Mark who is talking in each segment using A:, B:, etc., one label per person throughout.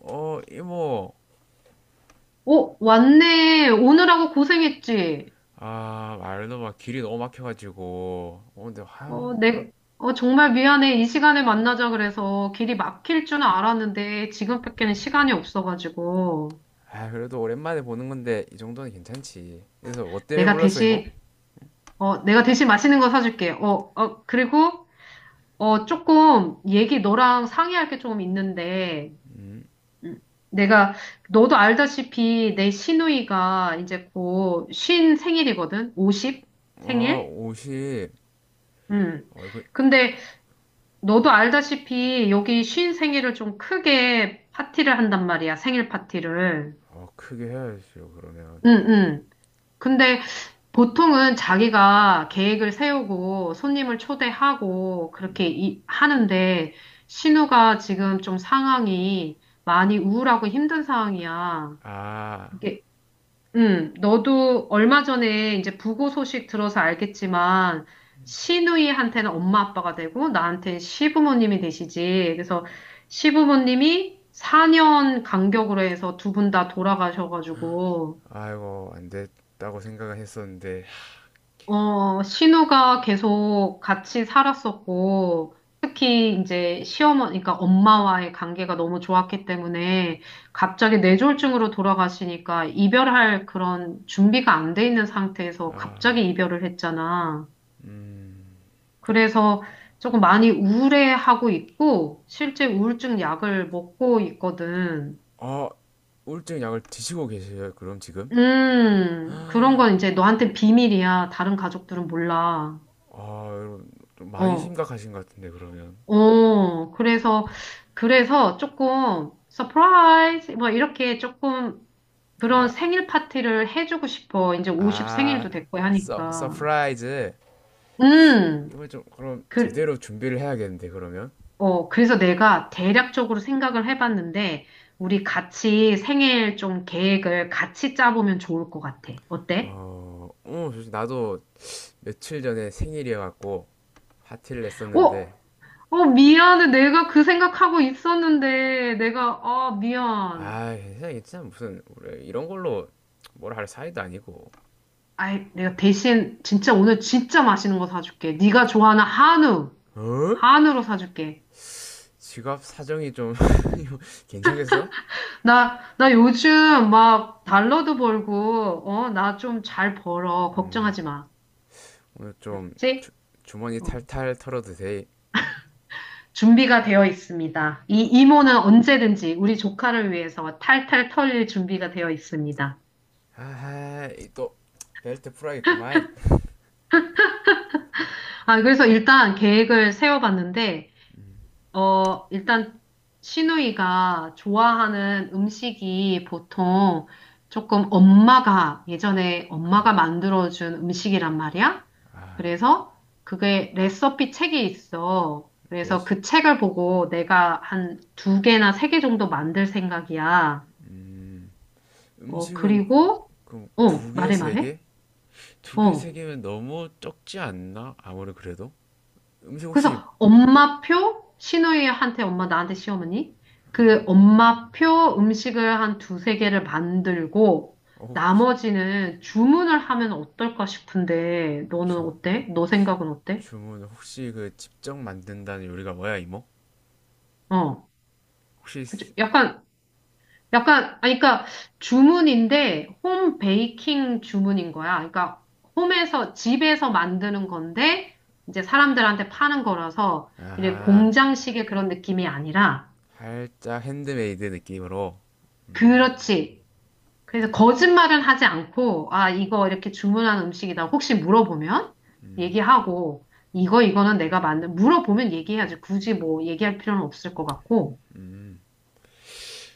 A: 어, 이모.
B: 오, 왔네. 오느라고 고생했지.
A: 아, 말도 막 길이 너무 막혀가지고. 어, 근데, 아,
B: 어, 내, 정말 미안해. 이 시간에 만나자 그래서 길이 막힐 줄은 알았는데 지금밖에는 시간이 없어가지고.
A: 아, 그래도 오랜만에 보는 건데, 이 정도는 괜찮지. 그래서, 뭐 때문에
B: 내가
A: 불렀어, 이모?
B: 대신, 내가 대신 맛있는 거 사줄게. 그리고, 조금 얘기 너랑 상의할 게 조금 있는데. 음, 내가, 너도 알다시피 내 시누이가 이제 곧 쉰 생일이거든? 50
A: 어,
B: 생일?
A: 옷이,
B: 음.
A: 어, 이거,
B: 근데 너도 알다시피 여기 쉰 생일을 좀 크게 파티를 한단 말이야, 생일 파티를.
A: 어, 크게 해야죠, 그러면.
B: 응, 응. 근데 보통은 자기가 계획을 세우고 손님을 초대하고 그렇게 하는데, 신우가 지금 좀 상황이 많이 우울하고 힘든 상황이야.
A: 아,
B: 이게 너도 얼마 전에 이제 부고 소식 들어서 알겠지만, 시누이한테는 엄마 아빠가 되고, 나한테는 시부모님이 되시지. 그래서 시부모님이 4년 간격으로 해서 두 분 다 돌아가셔가지고,
A: 아이고, 안 됐다고 생각을 했었는데.
B: 신우가 계속 같이 살았었고, 특히 이제 그러니까 엄마와의 관계가 너무 좋았기 때문에 갑자기 뇌졸중으로 돌아가시니까 이별할 그런 준비가 안 돼 있는 상태에서 갑자기 이별을 했잖아. 그래서 조금 많이 우울해하고 있고, 실제 우울증 약을 먹고 있거든.
A: 어, 우울증 약을 드시고 계세요, 그럼 지금?
B: 그런 건 이제 너한테 비밀이야. 다른 가족들은 몰라.
A: 아, 여러분, 좀 많이
B: 어.
A: 심각하신 것 같은데, 그러면.
B: 어, 그래서, 그래서 조금, 서프라이즈, 뭐, 이렇게 조금 그런 생일 파티를 해주고 싶어. 이제 50
A: 아,
B: 생일도 됐고
A: 서,
B: 하니까.
A: 서프라이즈.
B: 음,
A: 이걸 좀 그럼
B: 그,
A: 제대로 준비를 해야겠는데, 그러면.
B: 그래서 내가 대략적으로 생각을 해봤는데, 우리 같이 생일 좀 계획을 같이 짜보면 좋을 것 같아. 어때?
A: 어, 어, 나도 며칠 전에 생일이어갖고 파티를
B: 어,
A: 냈었는데.
B: 미안해. 내가 그 생각하고 있었는데, 미안.
A: 아, 괜찮아, 괜찮아. 무슨 우리 이런 걸로 뭐라 할 사이도 아니고.
B: 아이, 내가 대신 진짜 오늘 진짜 맛있는 거 사줄게. 네가 좋아하는
A: 어?
B: 한우로 사줄게.
A: 지갑 사정이 좀, 괜찮겠어?
B: 나 요즘 막 달러도 벌고, 나 좀 잘 벌어. 걱정하지 마.
A: 오늘 좀 주,
B: 그치?
A: 주머니
B: 어,
A: 탈탈 털어도 돼.
B: 준비가 되어 있습니다. 이 이모는 언제든지 우리 조카를 위해서 탈탈 털릴 준비가 되어 있습니다.
A: 아이, 또 벨트 풀어야겠구만.
B: 아, 그래서 일단 계획을 세워봤는데, 일단 시누이가 좋아하는 음식이 보통 조금 엄마가 예전에 엄마가 만들어준 음식이란 말이야. 그래서 그게 레시피 책이 있어. 그래서 그 책을 보고 내가 한 두 개나 세 개 정도 만들 생각이야.
A: 음식은
B: 그리고
A: 그럼 두 개,
B: 말해
A: 세
B: 말해.
A: 개? 두 개, 세
B: 어.
A: 개면 너무 적지 않나? 아무리 그래도 음식 혹시,
B: 그래서 엄마표 시누이한테 엄마 나한테 시어머니 그 엄마표 음식을 한 두세 개를 만들고
A: 어, 혹시
B: 나머지는 주문을 하면 어떨까 싶은데 너는
A: 주,
B: 어때? 너 생각은 어때?
A: 주문 혹시 그 직접 만든다는 요리가 뭐야, 이모?
B: 어,
A: 혹시.
B: 그치? 약간 아니 그러니까 주문인데 홈 베이킹 주문인 거야. 그러니까 홈에서 집에서 만드는 건데 이제 사람들한테 파는 거라서 이래
A: 아하,
B: 공장식의 그런 느낌이 아니라
A: 살짝 핸드메이드 느낌으로.
B: 그렇지. 그래서 거짓말은 하지 않고, 아, 이거 이렇게 주문한 음식이다. 혹시 물어보면 얘기하고, 이거는 내가 만든, 물어보면 얘기해야지. 굳이 뭐 얘기할 필요는 없을 것 같고.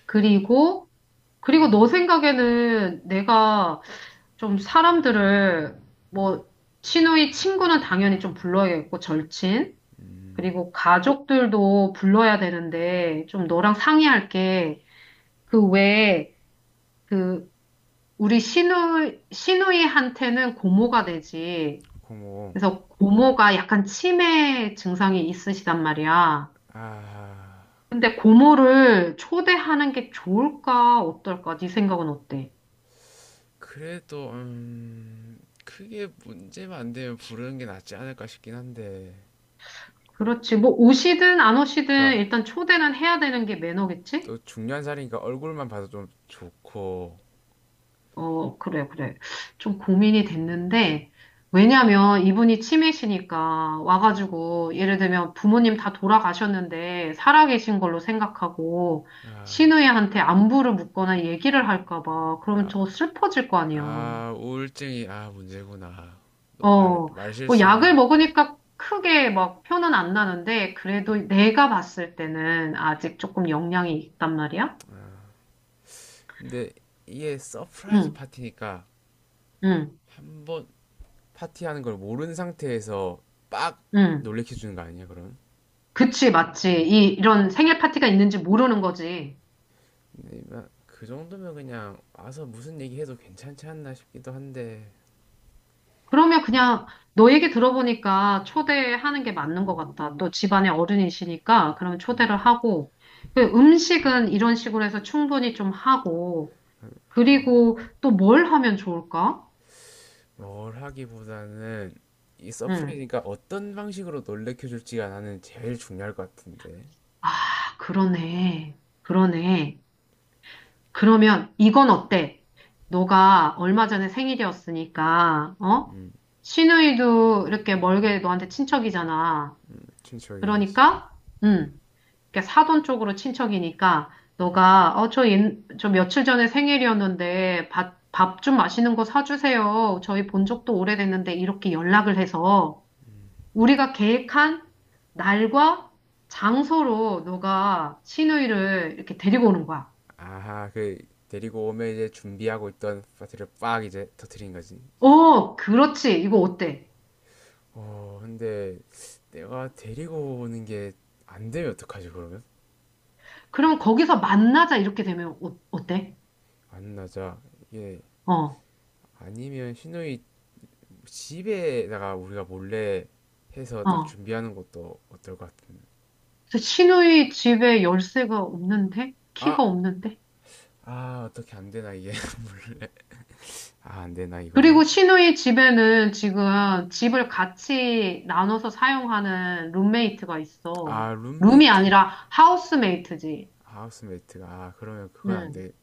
B: 그리고, 너 생각에는 내가 좀 사람들을, 뭐, 친구의 친구는 당연히 좀 불러야겠고, 절친. 그리고 가족들도 불러야 되는데, 좀 너랑 상의할게. 그 외에, 그 우리 시누이한테는 고모가 되지.
A: 고모.
B: 그래서 고모가 약간 치매 증상이 있으시단 말이야.
A: 아,
B: 근데 고모를 초대하는 게 좋을까, 어떨까? 네 생각은 어때?
A: 그래도, 음, 크게 문제만 안 되면 부르는 게 낫지 않을까 싶긴 한데.
B: 그렇지. 뭐 오시든 안
A: 그니
B: 오시든
A: 까
B: 일단 초대는 해야 되는 게 매너겠지?
A: 또 중요한 자리니까 얼굴만 봐도 좀 좋고.
B: 그래, 그래. 좀 고민이 됐는데, 왜냐면 이분이 치매시니까 와가지고, 예를 들면 부모님 다 돌아가셨는데, 살아계신 걸로 생각하고, 시누이한테 안부를 묻거나 얘기를 할까봐, 그러면 저 슬퍼질 거 아니야.
A: 아, 우울증이, 아, 문제구나. 또 말
B: 어, 뭐 약을
A: 말실수하면
B: 먹으니까 크게 막 표는 안 나는데, 그래도 내가 봤을 때는 아직 조금 영향이 있단 말이야?
A: 근데 이게 서프라이즈
B: 응,
A: 파티니까,
B: 응,
A: 한번 파티하는 걸 모르는 상태에서 빡
B: 응.
A: 놀래켜 주는 거 아니야, 그럼?
B: 그치, 맞지. 이런 생일 파티가 있는지 모르는 거지.
A: 근데 그 정도면 그냥 와서 무슨 얘기해도 괜찮지 않나 싶기도 한데.
B: 그러면 그냥 너 얘기 들어보니까 초대하는 게 맞는 것 같다. 너 집안에 어른이시니까 그러면 초대를 하고 그 음식은 이런 식으로 해서 충분히 좀 하고 그리고 또 뭘 하면 좋을까?
A: 뭘 하기보다는 이
B: 응.
A: 서프라이즈니까 어떤 방식으로 놀래켜 줄지가 나는 제일 중요할 것 같은데.
B: 아, 그러네. 그러네. 그러면 이건 어때? 너가 얼마 전에 생일이었으니까 어? 시누이도 이렇게 멀게 너한테 친척이잖아.
A: 춘추하긴 하지.
B: 그러니까 응. 그러니까 사돈 쪽으로 친척이니까 너가 어, 저, 옛, 저 며칠 전에 생일이었는데 밥 좀 맛있는 거 사주세요. 저희 본 적도 오래됐는데 이렇게 연락을 해서 우리가 계획한 날과 장소로 너가 시누이를 이렇게 데리고 오는 거야.
A: 아하, 그 데리고 오면 이제 준비하고 있던 파티를 빡 이제 터트린 거지.
B: 그렇지. 이거 어때?
A: 어, 근데 내가 데리고 오는 게 안 되면 어떡하지, 그러면?
B: 그럼 거기서 만나자 이렇게 되면 어때?
A: 안 나자, 이게.
B: 어,
A: 아니면 신우이 집에다가 우리가 몰래 해서 딱
B: 어.
A: 준비하는 것도 어떨 것 같은데.
B: 그래서 시누이 집에 열쇠가 없는데? 키가
A: 아!
B: 없는데?
A: 아, 어떻게 안 되나, 이게. 아, 안 되나,
B: 그리고
A: 이거는?
B: 시누이 집에는 지금 집을 같이 나눠서 사용하는 룸메이트가 있어.
A: 아,
B: 룸이
A: 룸메이트가.
B: 아니라 하우스메이트지.
A: 아, 하우스메이트가. 아, 그러면 그건 안
B: 응.
A: 되겠네.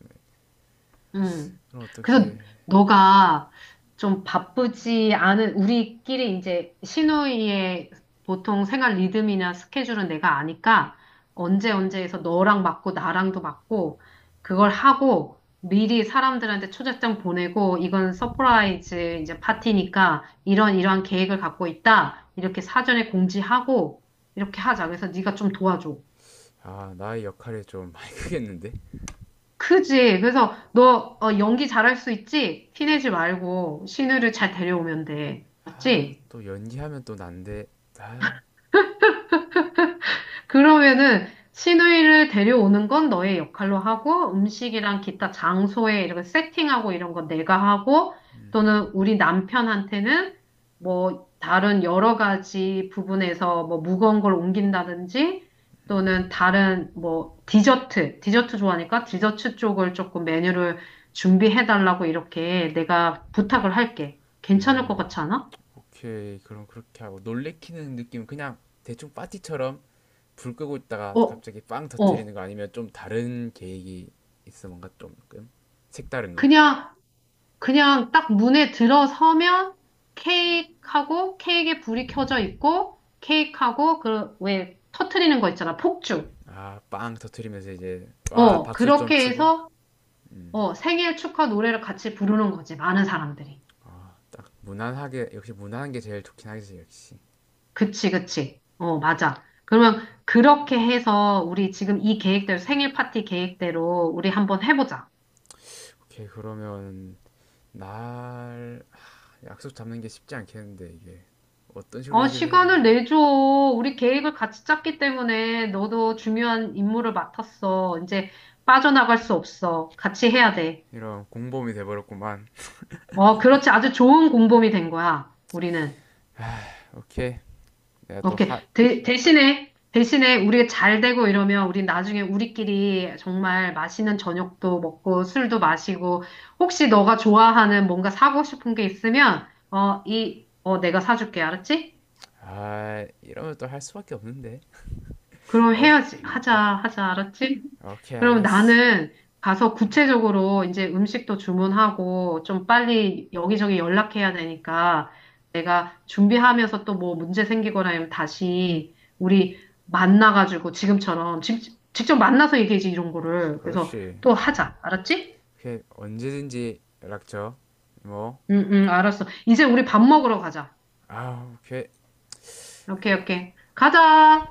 B: 음.
A: 그럼 어떻게.
B: 그래서
A: 해.
B: 너가 좀 바쁘지 않은 우리끼리 이제 시누이의 보통 생활 리듬이나 스케줄은 내가 아니까 언제 언제에서 너랑 맞고 나랑도 맞고 그걸 하고 미리 사람들한테 초대장 보내고 이건 서프라이즈 이제 파티니까 이런 이러한 계획을 갖고 있다. 이렇게 사전에 공지하고 이렇게 하자. 그래서 네가 좀 도와줘.
A: 아, 나의 역할이 좀 많이 크겠는데?
B: 크지. 그래서 너 연기 잘할 수 있지? 티내지 말고 신우를 잘 데려오면 돼.
A: 아,
B: 맞지?
A: 또 연기하면 또 난데. 아,
B: 그러면은 시누이를 데려오는 건 너의 역할로 하고 음식이랑 기타 장소에 이렇게 세팅하고 이런 건 내가 하고 또는 우리 남편한테는 뭐 다른 여러 가지 부분에서 뭐 무거운 걸 옮긴다든지 또는 다른 뭐 디저트 좋아하니까 디저트 쪽을 조금 메뉴를 준비해 달라고 이렇게 내가 부탁을 할게. 괜찮을 것 같지 않아?
A: 오케이. 그럼 그렇게 하고, 놀래키는 느낌, 그냥 대충 파티처럼 불 끄고 있다가
B: 어,
A: 갑자기 빵 터트리는
B: 어.
A: 거 아니면 좀 다른 계획이 있어, 뭔가 조금 색다른 거?
B: 그냥 그냥 딱 문에 들어서면 케이크하고 케이크에 불이 켜져 있고 케이크하고 그 왜 터트리는 거 있잖아. 폭죽.
A: 아, 빵 터트리면서 이제 와 박수 좀
B: 그렇게
A: 치고,
B: 해서 생일 축하 노래를 같이 부르는 거지. 많은 사람들이.
A: 딱 무난하게, 역시 무난한 게 제일 좋긴 하겠지, 역시.
B: 그치, 그치. 맞아. 그러면 그렇게 해서 우리 지금 이 계획대로 생일 파티 계획대로 우리 한번 해보자.
A: 오케이, 그러면 날 하, 약속 잡는 게 쉽지 않겠는데 이게. 어떤 식으로
B: 아,
A: 얘기를 해야 되나?
B: 시간을 내줘. 우리 계획을 같이 짰기 때문에 너도 중요한 임무를 맡았어. 이제 빠져나갈 수 없어. 같이 해야 돼.
A: 이런 공범이 돼버렸구만.
B: 그렇지. 아주 좋은 공범이 된 거야. 우리는.
A: 오케이, 내가 또
B: 오케이.
A: 하.
B: 대신에 우리가 잘 되고 이러면 우리 나중에 우리끼리 정말 맛있는 저녁도 먹고 술도 마시고 혹시 너가 좋아하는 뭔가 사고 싶은 게 있으면 내가 사줄게. 알았지?
A: 아, 이러면 또 할 수밖에 없는데.
B: 그럼
A: 어,
B: 해야지.
A: 어,
B: 하자, 알았지?
A: 오케이
B: 그럼
A: 알겠어.
B: 나는 가서 구체적으로 이제 음식도 주문하고 좀 빨리 여기저기 연락해야 되니까 내가 준비하면서 또 뭐 문제 생기거나 하면 다시 우리 만나가지고 지금처럼 직접 만나서 얘기하지 이런 거를. 그래서
A: 그렇지.
B: 또 하자. 알았지?
A: 그냥 언제든지 연락 줘. 뭐,
B: 응, 응, 알았어. 이제 우리 밥 먹으러 가자.
A: 아우, 그
B: 오케이, 오케이. 가자!